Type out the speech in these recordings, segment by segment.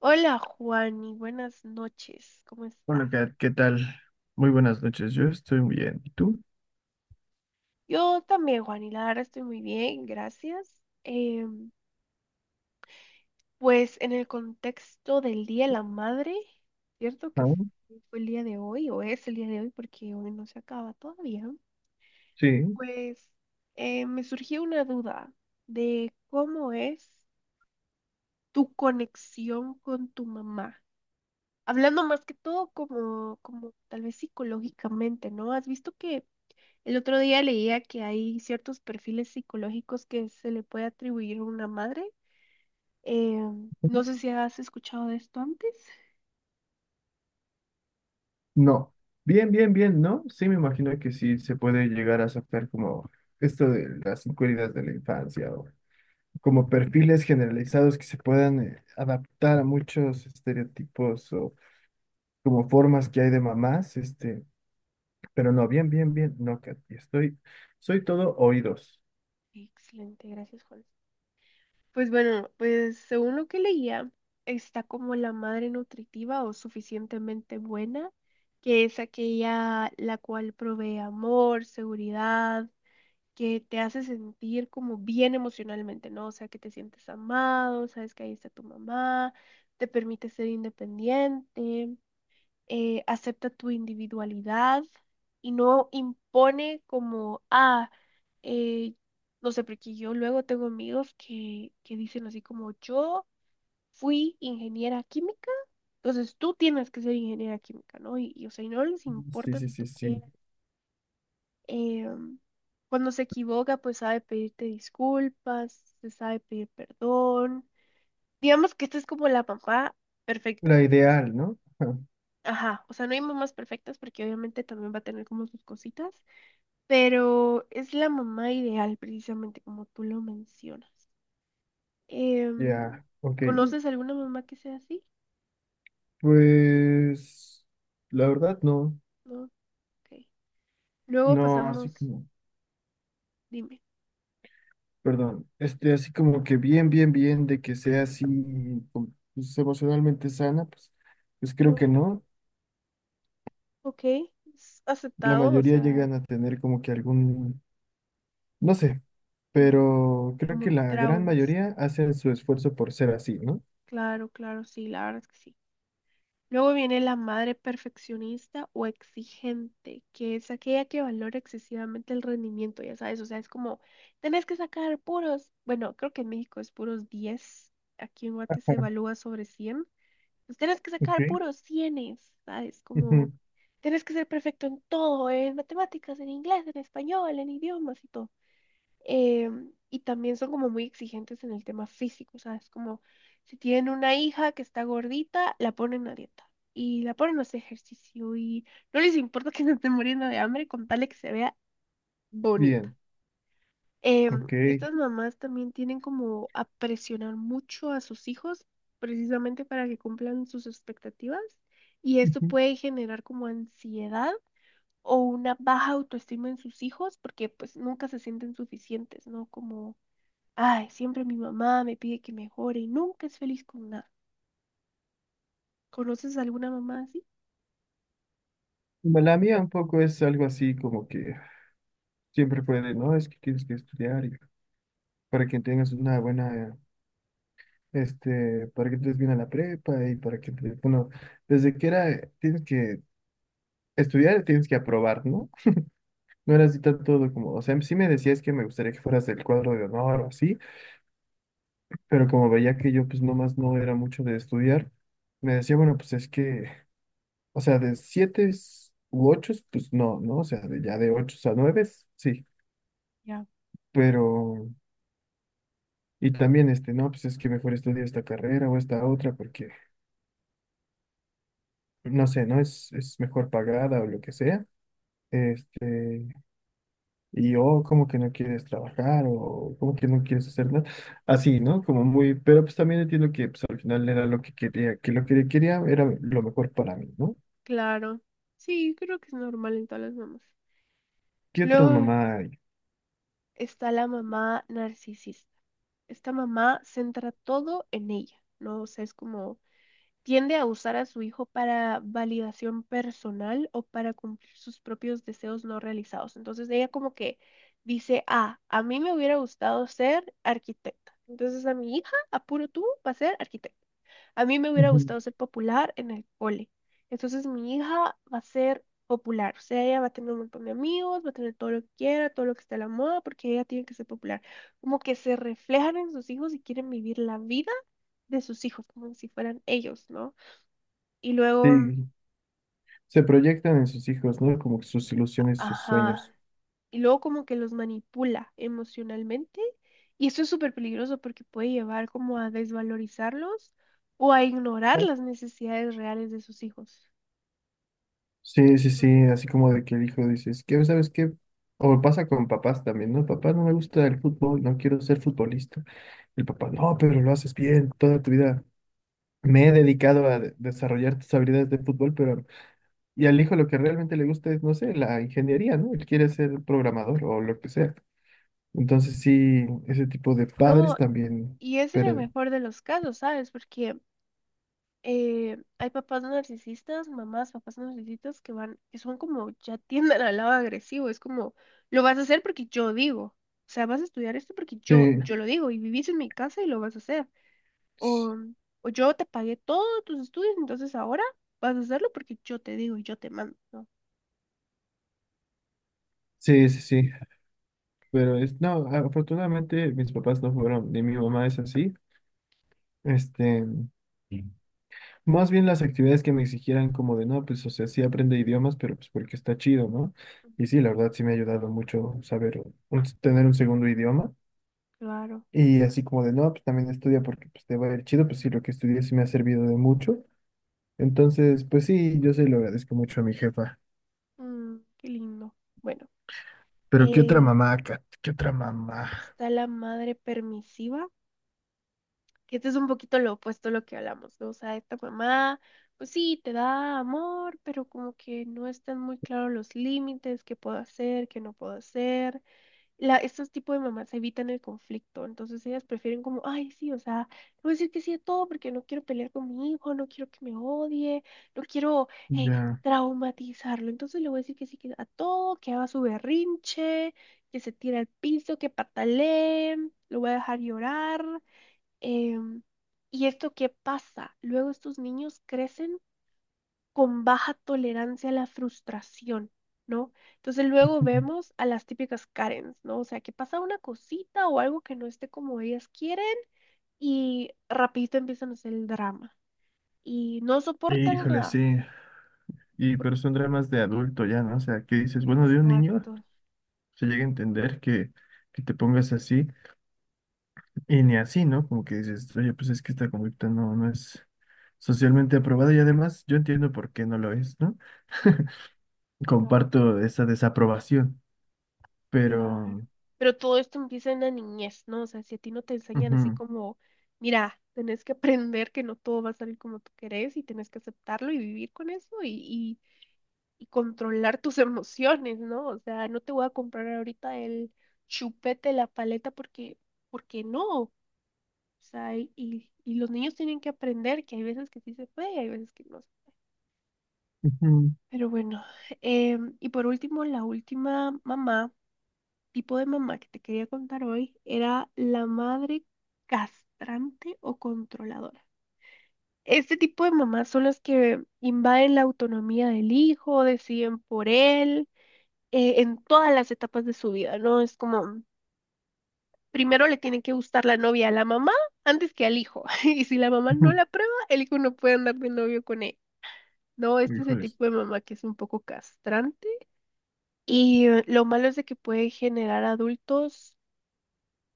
Hola Juani, buenas noches, ¿cómo estás? Hola, Kat, ¿qué tal? Muy buenas noches, yo estoy muy bien. ¿Y tú? Yo también, Juani, la verdad estoy muy bien, gracias. Pues en el contexto del Día de la Madre, ¿cierto? Que Ah. fue el día de hoy o es el día de hoy porque hoy no se acaba todavía. Sí. Pues me surgió una duda de cómo es tu conexión con tu mamá. Hablando más que todo como tal vez psicológicamente, ¿no? ¿Has visto que... El otro día leía que hay ciertos perfiles psicológicos que se le puede atribuir a una madre. Eh, no sé si has escuchado de esto antes. No. Bien, ¿no? Sí, me imagino que sí se puede llegar a sacar como esto de las inquietudes de la infancia o como perfiles generalizados que se puedan adaptar a muchos estereotipos o como formas que hay de mamás, este, pero no, bien, no, Kat, estoy, soy todo oídos. Excelente, gracias, Juan. Pues bueno, pues según lo que leía, está como la madre nutritiva o suficientemente buena, que es aquella la cual provee amor, seguridad, que te hace sentir como bien emocionalmente, ¿no? O sea, que te sientes amado, sabes que ahí está tu mamá, te permite ser independiente, acepta tu individualidad y no impone como, ah, eh, no sé, porque yo luego tengo amigos que dicen así como, yo fui ingeniera química. Entonces tú tienes que ser ingeniera química, ¿no? O sea, y no les Sí, importa sí, si sí, tú sí. quieres eh, cuando se equivoca, pues sabe pedirte disculpas, se sabe pedir perdón. Digamos que esta es como la mamá perfecta. La ideal, ¿no? Ajá, o sea, no hay mamás perfectas porque obviamente también va a tener como sus cositas, pero es la mamá ideal precisamente como tú lo mencionas. Mm. Ya, ok. ¿Conoces alguna mamá que sea así? Pues la verdad no, No, ok. Luego no así pasamos, como, dime, perdón, este así como que bien de que sea así como, pues, emocionalmente sana, pues, pues creo no, que no. ok, es La aceptado, o mayoría sea, llegan a tener como que algún, no sé, mm, pero creo como que la gran traumas. mayoría hacen su esfuerzo por ser así, ¿no? Claro, claro, sí, la verdad es que sí. Luego viene la madre perfeccionista o exigente, que es aquella que valora excesivamente el rendimiento, ya sabes, o sea, es como, tenés que sacar puros, bueno, creo que en México es puros diez, aquí en Guate se evalúa sobre cien, pues tenés que Ok. sacar puros cienes, ¿sabes? Como, Ujú. tenés que ser perfecto en todo, en matemáticas, en inglés, en español, en idiomas y todo. Y también son como muy exigentes en el tema físico, o sea, es como si tienen una hija que está gordita, la ponen a dieta y la ponen a hacer ejercicio y no les importa que se estén muriendo de hambre con tal de que se vea bonita. Bien, ok. Estas mamás también tienen como a presionar mucho a sus hijos precisamente para que cumplan sus expectativas y esto Ujú. puede generar como ansiedad o una baja autoestima en sus hijos porque pues nunca se sienten suficientes, ¿no? Como, ay, siempre mi mamá me pide que mejore y nunca es feliz con nada. ¿Conoces a alguna mamá así? Bueno, la mía un poco es algo así como que siempre puede, no, es que tienes que estudiar para que tengas una buena, este, para que entres bien a la prepa y para que, te- bueno, desde que era, tienes que estudiar, tienes que aprobar, ¿no? No era así todo como, o sea, sí me decías que me gustaría que fueras del cuadro de honor o así, pero como veía que yo pues nomás no era mucho de estudiar, me decía, bueno, pues es que, o sea, de siete u ocho, pues no, ¿no? O sea, de, ya de ocho a nueve, sí, Ya. pero... Y también, este, no, pues es que mejor estudia esta carrera o esta otra, porque no sé, ¿no? Es mejor pagada o lo que sea. Este, y yo como que no quieres trabajar o como que no quieres hacer nada. Así, ¿no? Como muy, pero pues también entiendo que pues, al final era lo que quería, que lo que quería era lo mejor para mí, ¿no? Claro. Sí, creo que es normal en todas las mamás. ¿Qué otra Luego mamá hay? está la mamá narcisista. Esta mamá centra todo en ella, ¿no? O sea, es como, tiende a usar a su hijo para validación personal o para cumplir sus propios deseos no realizados. Entonces ella como que dice, ah, a mí me hubiera gustado ser arquitecta. Entonces a mi hija, apuro tú, va a ser arquitecta. A mí me hubiera Ujú. gustado ser popular en el cole. Entonces mi hija va a ser popular. O sea, ella va a tener un montón de amigos, va a tener todo lo que quiera, todo lo que está a la moda, porque ella tiene que ser popular. Como que se reflejan en sus hijos y quieren vivir la vida de sus hijos, como si fueran ellos, ¿no? Y luego, Sí, se proyectan en sus hijos, ¿no? Como que sus ilusiones, sus sueños. ajá, y luego como que los manipula emocionalmente. Y esto es súper peligroso porque puede llevar como a desvalorizarlos o a ignorar ¿No? las necesidades reales de sus hijos. Sí, sí, Entonces, sí, así como de que el hijo dices, ¿qué sabes qué? O pasa con papás también, ¿no? Papá, no me gusta el fútbol, no quiero ser futbolista. El papá, no, pero lo haces bien, toda tu vida me he dedicado a desarrollar tus habilidades de fútbol, pero... Y al hijo lo que realmente le gusta es, no sé, la ingeniería, ¿no? Él quiere ser programador o lo que sea. Entonces sí, ese tipo de padres no, también, y es en el pero... mejor de los casos, ¿sabes? Porque hay papás narcisistas, mamás, papás narcisistas que van, que son como, ya tienden al lado agresivo, es como, lo vas a hacer porque yo digo, o sea, vas a estudiar esto porque Sí, yo lo digo y vivís en mi casa y lo vas a hacer. O, o yo te pagué todos tus estudios, entonces ahora vas a hacerlo porque yo te digo y yo te mando, ¿no? sí, sí. Pero es, no, afortunadamente mis papás no fueron, ni mi mamá es así. Este, más bien las actividades que me exigieran como de, no, pues, o sea, sí aprende idiomas, pero pues porque está chido, ¿no? Mm. Y sí, la verdad sí me ha ayudado mucho saber, tener un segundo idioma. Claro. Y así como de, no, pues también estudia porque pues te va a ir chido, pues sí, lo que estudié sí me ha servido de mucho. Entonces, pues sí, yo se lo agradezco mucho a mi jefa. Mm, qué lindo. Bueno, Pero ¿qué otra eh, mamá, Kat? ¿Qué otra mamá? está la madre permisiva, que esto es un poquito lo opuesto a lo que hablamos, ¿no? O sea, esta mamá, pues sí, te da amor, pero como que no están muy claros los límites, qué puedo hacer, qué no puedo hacer. Estos tipos de mamás evitan el conflicto, entonces ellas prefieren como, ay, sí, o sea, no voy a decir que sí a todo porque no quiero pelear con mi hijo, no quiero que me odie, no quiero eh, Ya. traumatizarlo, entonces le voy a decir que sí que a todo, que haga su berrinche, que se tire al piso, que patalee, lo voy a dejar llorar. Em, ¿Y esto qué pasa? Luego estos niños crecen con baja tolerancia a la frustración, ¿no? Entonces luego vemos a las típicas Karens, ¿no? O sea, que pasa una cosita o algo que no esté como ellas quieren y rapidito empiezan a hacer el drama y no soportan Híjole, nada. sí. Y pero son dramas de adulto ya, ¿no? O sea, que dices, bueno, de un niño Exacto. se llega a entender que te pongas así. Y ni así, ¿no? Como que dices, oye, pues es que esta conducta no es socialmente aprobada y además yo entiendo por qué no lo es, ¿no? Comparto esa desaprobación, Claro. pero... Pero todo esto empieza en la niñez, ¿no? O sea, si a ti no te enseñan así Ujú. como, mira, tenés que aprender que no todo va a salir como tú querés y tenés que aceptarlo y vivir con eso y controlar tus emociones, ¿no? O sea, no te voy a comprar ahorita el chupete, la paleta, porque, porque no. O sea, y los niños tienen que aprender que hay veces que sí se puede y hay veces que no. Ujú. Pero bueno, y por último, la última mamá, tipo de mamá que te quería contar hoy, era la madre castrante o controladora. Este tipo de mamás son las que invaden la autonomía del hijo, deciden por él, en todas las etapas de su vida, ¿no? Es como, primero le tiene que gustar la novia a la mamá antes que al hijo. Y si la mamá no Ujú. la prueba, el hijo no puede andar de novio con él. No, este es el Híjoles. tipo de mamá que es un poco castrante. Y lo malo es de que puede generar adultos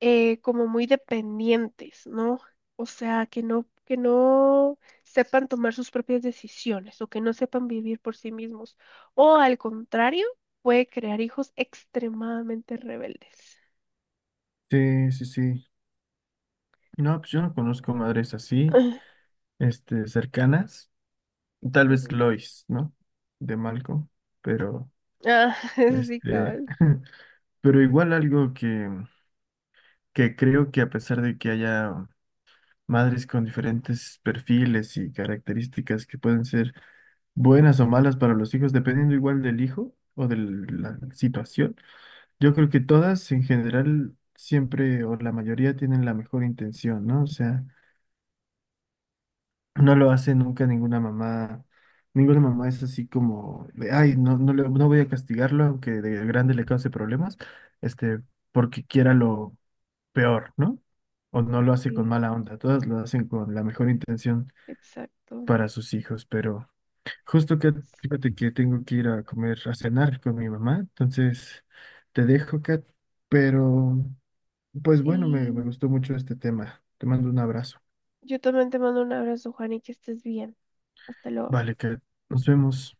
como muy dependientes, ¿no? O sea, que no sepan tomar sus propias decisiones o que no sepan vivir por sí mismos. O al contrario, puede crear hijos extremadamente rebeldes. Sí, sí, sí. No, pues yo no conozco madres así, este, cercanas. Tal Ah, vez ujú. Lois, ¿no? De Malcolm, pero, Ah, sí, este, cabal. pero igual algo que creo que a pesar de que haya madres con diferentes perfiles y características que pueden ser buenas o malas para los hijos, dependiendo igual del hijo o de Ujú. la situación. Yo creo que todas en general siempre o la mayoría tienen la mejor intención, ¿no? O sea, no lo hace nunca ninguna mamá. Ninguna mamá es así como de, ay, no, no, no voy a castigarlo aunque de grande le cause problemas, este, porque quiera lo peor, ¿no? O no lo hace con Sí, mala onda, todas lo hacen con la mejor intención exacto. para sus hijos, pero justo que fíjate que tengo que ir a comer, a cenar con mi mamá, entonces te dejo, Kat, pero pues bueno, me Sí, gustó mucho este tema. Te mando un abrazo. yo también te mando un abrazo, Juan, y que estés bien. Hasta luego. Vale, Kat, nos vemos.